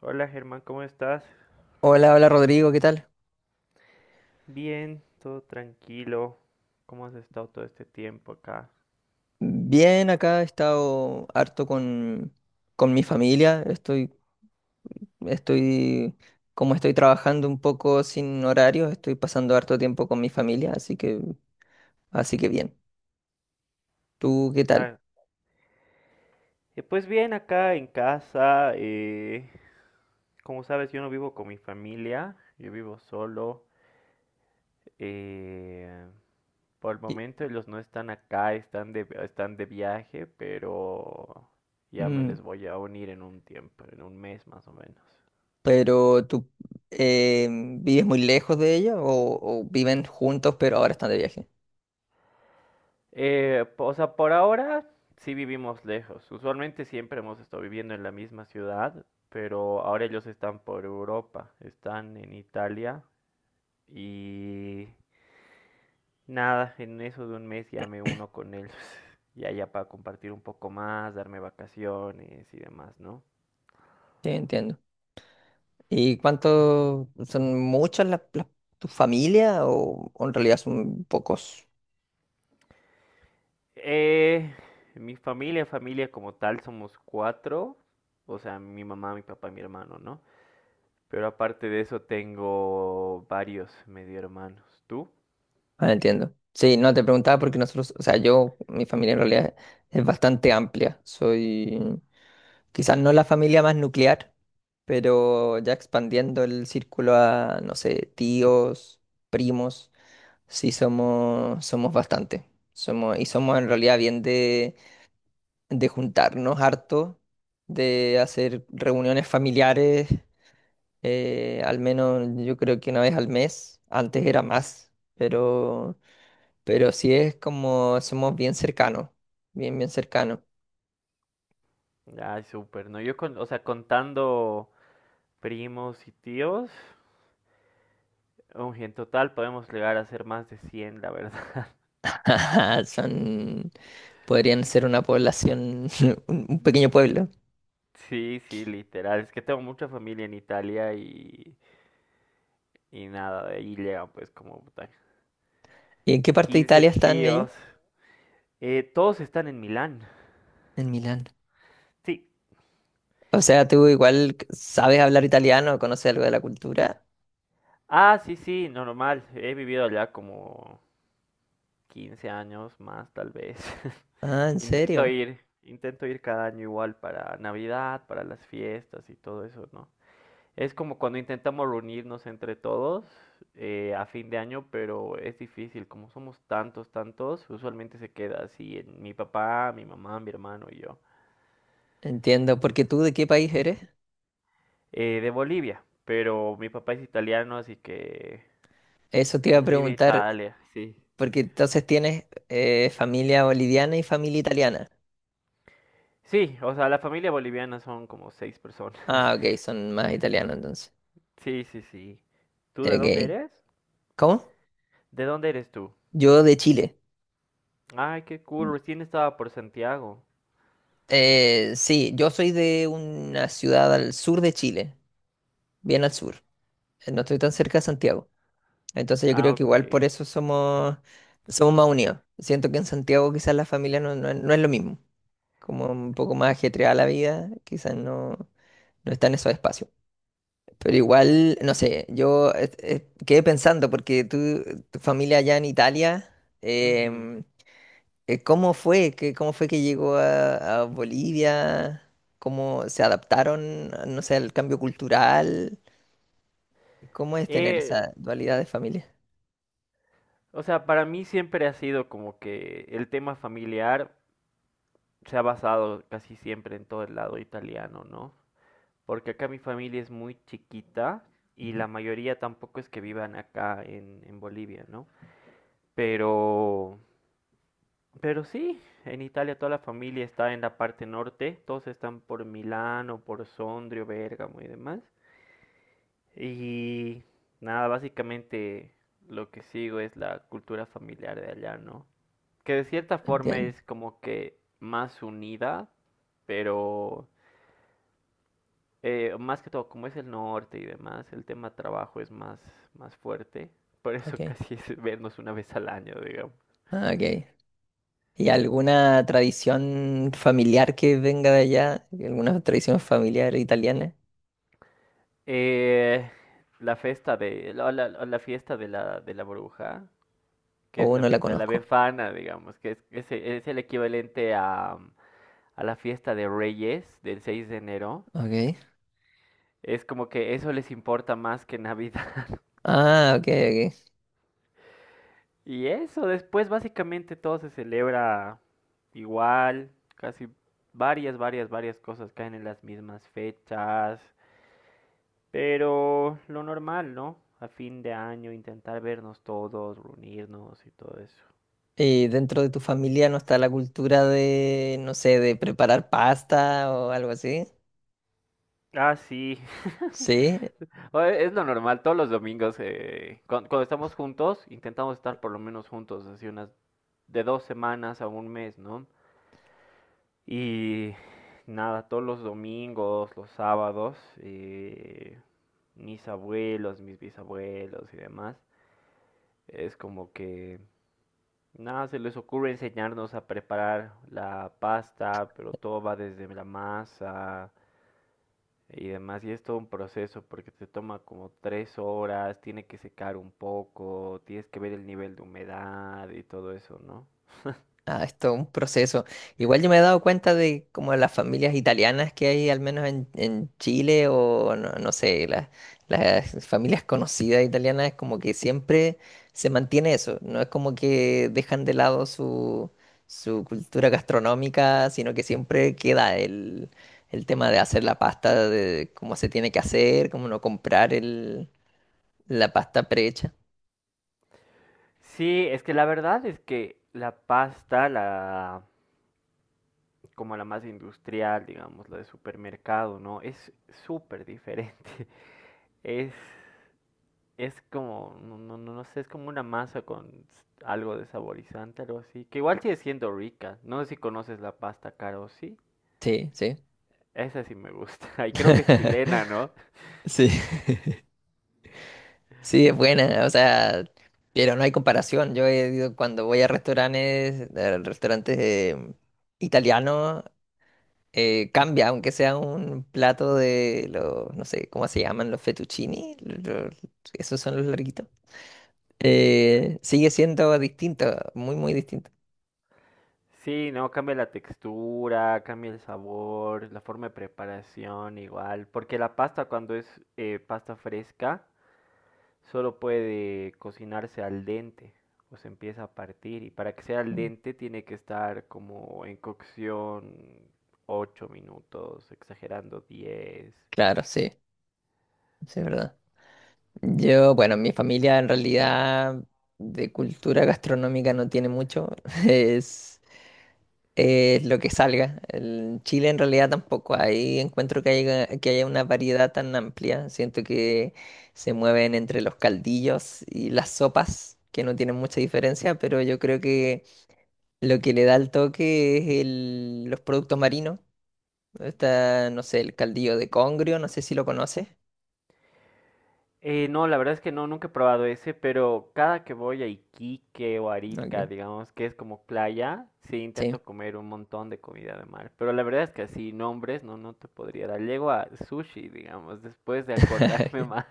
Hola Germán, ¿cómo estás? Hola, hola Rodrigo, ¿qué tal? Bien, todo tranquilo. ¿Cómo has estado todo este tiempo acá? Bien, acá he estado harto con mi familia. Estoy, como estoy trabajando un poco sin horario, estoy pasando harto tiempo con mi familia, así que bien. ¿Tú qué tal? Ah, pues bien, acá en casa. Como sabes, yo no vivo con mi familia, yo vivo solo. eh, por el Y- momento ellos no están acá, están de viaje, pero ya me mm, les voy a unir en un tiempo, en un mes más o menos. pero tú vives muy lejos de ella, o viven juntos, pero ahora están de viaje. O sea, por ahora sí vivimos lejos. Usualmente siempre hemos estado viviendo en la misma ciudad, pero ahora ellos están por Europa, están en Italia y nada, en eso de un mes ya me uno con ellos. Ya, ya, para compartir un poco más, darme vacaciones y demás, ¿no? Sí, entiendo. ¿Y cuántos son? ¿Muchas tu familia, o en realidad son pocos? Eh, Mi familia, familia como tal, somos 4. O sea, mi mamá, mi papá y mi hermano, ¿no? Pero aparte de eso tengo varios medio hermanos. ¿Tú? Ah, entiendo. Sí, no te preguntaba porque nosotros, o sea, yo, mi familia en realidad es bastante amplia. Soy, quizás no la familia más nuclear, pero ya expandiendo el círculo a, no sé, tíos, primos, somos bastante. Y somos en realidad bien de juntarnos harto, de hacer reuniones familiares, al menos yo creo que una vez al mes. Antes era más, pero sí, es como somos bien cercanos, bien cercanos. Ay, súper, ¿no? O sea, contando primos y tíos, uy, en total podemos llegar a ser más de 100 la verdad. Son, podrían ser una población, un pequeño pueblo. Sí, sí, literal. Es que tengo mucha familia en Italia y nada, de ahí llegan pues como puta, ¿Y en qué parte de 15 Italia están ellos? tíos. Todos están en Milán. En Milán. Sí. O sea, tú igual sabes hablar italiano, conoces algo de la cultura. Ah, sí, sí, normal. He vivido allá como 15 años más, tal vez. Ah, ¿en serio? Intento ir cada año igual para Navidad, para las fiestas y todo eso, ¿no? Es como cuando intentamos reunirnos entre todos a fin de año, pero es difícil, como somos tantos, tantos, usualmente se queda así en mi papá, mi mamá, mi hermano y yo. Entiendo. ¿Porque tú de qué país eres? De Bolivia, pero mi papá es italiano, así que Eso te iba a Bolivia, preguntar, Italia, sí. porque entonces tienes familia boliviana y familia italiana. Sí, o sea, la familia boliviana son como 6 personas. Ah, ok, son más italianos entonces. Sí, sí, sí. ¿Tú de dónde Ok. eres? ¿Cómo? ¿De dónde eres tú? Yo de Chile. Ay, qué cool, recién estaba por Santiago. Sí, yo soy de una ciudad al sur de Chile, bien al sur. No estoy tan cerca de Santiago. Entonces yo Ah, creo que ok. igual por eso somos más unidos. Siento que en Santiago quizás la familia no, no es lo mismo. Como un poco más ajetreada la vida, quizás no está en esos espacios. Pero igual, no sé, yo quedé pensando porque tú, tu familia allá en Italia, Ujú. em, ¿Cómo fue? ¿Cómo fue que llegó a Bolivia? ¿Cómo se adaptaron, no sé, al cambio cultural? ¿Cómo es tener Eh, esa dualidad de familia? O sea, para mí siempre ha sido como que el tema familiar se ha basado casi siempre en todo el lado italiano, ¿no? Porque acá mi familia es muy chiquita y Ujú. la mayoría tampoco es que vivan en Bolivia, ¿no? Pero, pero sí, en Italia toda la familia está en la parte norte, todos están por Milano, por Sondrio, Bérgamo y demás. Y nada, básicamente lo que sigo es la cultura familiar de allá, ¿no? Que de cierta forma Entiendo. es como que más unida, pero más que todo, como es el norte y demás, el tema trabajo es más, más fuerte. Por eso Ok. casi es vernos una vez al año, digamos. Ah, ok. ¿Y alguna tradición familiar que venga de allá? ¿Alguna tradición familiar italiana? Eh, la fiesta de la bruja, que es ¿O la no la fiesta de la conozco? befana, digamos, que es, es el equivalente a la fiesta de Reyes del 6 de enero. Ok. Es como que eso les importa más que Navidad. Ah, ok, ok. Y eso, después básicamente todo se celebra igual, casi varias, varias, varias cosas caen en las mismas fechas, pero lo normal, ¿no? A fin de año intentar vernos todos, reunirnos y todo eso. ¿Y dentro de tu familia no está la cultura de, no sé, de preparar pasta o algo así? Ah, sí. Sí. O- Es lo normal, todos los domingos, cuando estamos juntos, intentamos estar por lo menos juntos, así unas de 2 semanas a 1 mes, ¿no? Y nada, todos los domingos, los sábados, mis abuelos, mis bisabuelos y demás, es como que nada, se les ocurre enseñarnos a preparar la pasta, pero todo va desde la masa y demás. Y es todo un proceso porque te toma como 3 horas, tiene que secar un poco, tienes que ver el nivel de humedad y todo eso, ¿no? Ah, esto es un proceso. Igual yo me he dado cuenta de como las familias italianas que hay, al menos en Chile, o no, no sé, las familias conocidas italianas, es como que siempre se mantiene eso. No es como que dejan de lado su cultura gastronómica, sino que siempre queda el tema de hacer la pasta, de cómo se tiene que hacer, cómo no comprar la pasta prehecha. Sí, es que la verdad es que la pasta, la como la más industrial, digamos, la de supermercado, ¿no? Es súper diferente. Es, es como, no, no, no sé, es como una masa con algo de saborizante, algo así. Que igual sigue siendo rica. No sé si conoces la pasta caro, sí. Sí, sí. Esa sí me gusta. Y creo que es chilena, ¿no? Sí. Sí, es buena, o sea, pero no hay comparación. Yo he ido cuando voy a restaurantes italianos, cambia, aunque sea un plato de los, no sé, ¿cómo se llaman? Los fettuccini, esos son los larguitos. Sigue siendo distinto, muy distinto. Sí, no, cambia la textura, cambia el sabor, la forma de preparación igual, porque la pasta cuando es pasta fresca solo puede cocinarse al dente o se empieza a partir y para que sea al Mm, dente tiene que estar como en cocción 8 minutos, exagerando 10. Claro, sí, sí, es verdad. Yo, bueno, mi familia en realidad de cultura gastronómica no tiene mucho. Es lo que salga. En Chile en realidad tampoco. Ahí encuentro que haya una variedad tan amplia. Siento que se mueven entre los caldillos y las sopas, que no tienen mucha diferencia, pero yo creo que lo que le da el toque es los productos marinos. Está, no sé, el caldillo de congrio, no sé si lo conoces. No, la verdad es que no, nunca he probado ese, pero cada que voy a Iquique o Ok. Arica, digamos que es como playa, sí Sí. intento comer un montón de comida de mar. Pero la verdad es que así nombres no, no te podría dar. Llego a sushi, digamos, después de acordarme más.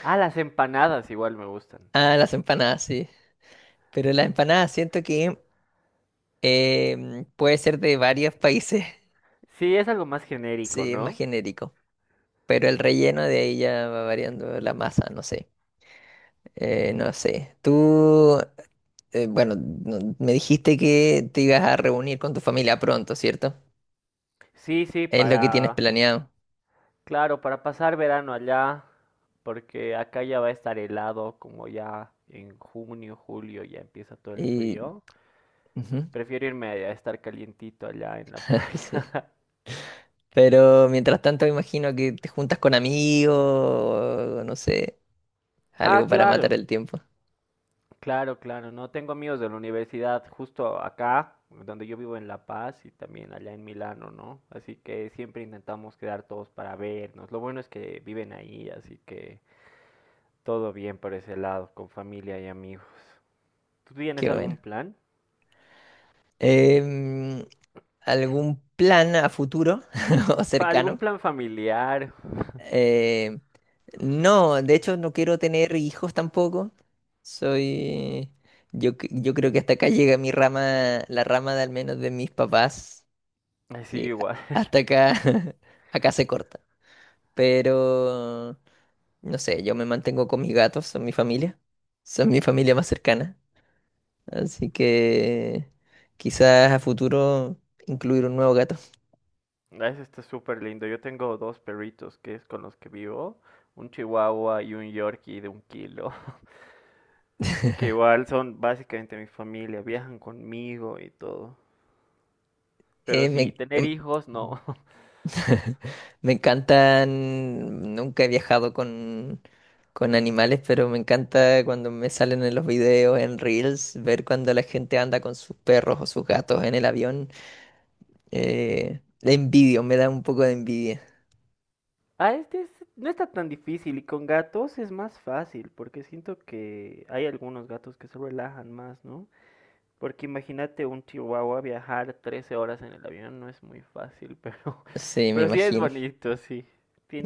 Ah, las empanadas igual me gustan. Ah, las empanadas, sí. Pero las empanadas siento que puede ser de varios países. Sí, es algo más genérico, Sí, es más ¿no? genérico. Pero el relleno de ahí ya va variando la masa, no sé. No sé. Tú, bueno, me dijiste que te ibas a reunir con tu familia pronto, ¿cierto? Sí, sí, Es lo que tienes para, planeado. claro, para pasar verano allá, porque acá ya va a estar helado, como ya en junio, julio ya empieza todo el Y, frío. ujú, Prefiero irme a estar calientito allá en la sí. playa. Pero mientras tanto, me imagino que te juntas con amigos, no sé, Ah, algo para matar claro, el tiempo. claro, claro, no tengo amigos de la universidad justo acá, donde yo vivo en La Paz y también allá en Milano, ¿no? Así que siempre intentamos quedar todos para vernos. Lo bueno es que viven ahí, así que todo bien por ese lado, con familia y amigos. ¿Tú Qué tienes bueno. algún plan? Em, ¿Algún plan a futuro o Fa- ¿Algún cercano? plan familiar? Em, No, de hecho no quiero tener hijos tampoco. Soy, yo, yo creo que hasta acá llega mi rama, la rama de al menos de mis papás. Así yo Llega- igual. Hasta acá, acá se corta. Pero, no sé, yo me mantengo con mis gatos, son mi familia más cercana. Así que quizás a futuro incluir un nuevo gato. Ah, eso está súper lindo. Yo tengo dos perritos que es con los que vivo. Un chihuahua y un yorkie de 1 kilo. Que igual son básicamente mi familia. Viajan conmigo y todo. Pero Eh, sí, me, tener em- hijos no. Me encantan, nunca he viajado con animales, pero me encanta cuando me salen en los videos, en Reels, ver cuando la gente anda con sus perros o sus gatos en el avión. La envidio, me da un poco de envidia. Ah, no está tan difícil. Y con gatos es más fácil. Porque siento que hay algunos gatos que se relajan más, ¿no? Porque imagínate un chihuahua viajar 13 horas en el avión, no es muy fácil, pero, Sí, me pero sí es imagino, bonito, sí.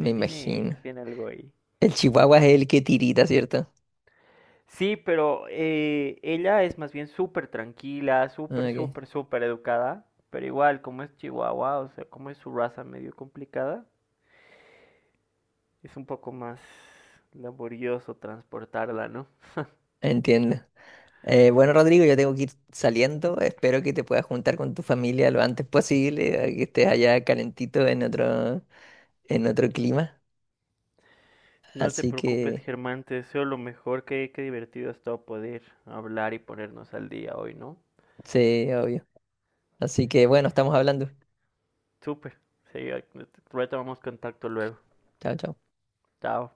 me tiene, imagino. Tiene algo ahí. El chihuahua es el que tirita, ¿cierto? Sí, pero ella es más bien súper tranquila, Ah, súper, ok, súper, súper educada, pero igual, como es chihuahua, o sea, como es su raza medio complicada, es un poco más laborioso transportarla, ¿no? entiendo. Bueno, Rodrigo, yo tengo que ir saliendo. Espero que te puedas juntar con tu familia lo antes posible, a que estés allá calentito en otro clima. No te Así preocupes, que, Germán, te deseo lo mejor, que qué divertido ha estado poder hablar y ponernos al día hoy, ¿no? sí, obvio. Así que, bueno, estamos hablando. Súper. Sí, retomamos contacto luego. Chao, chao. Chao.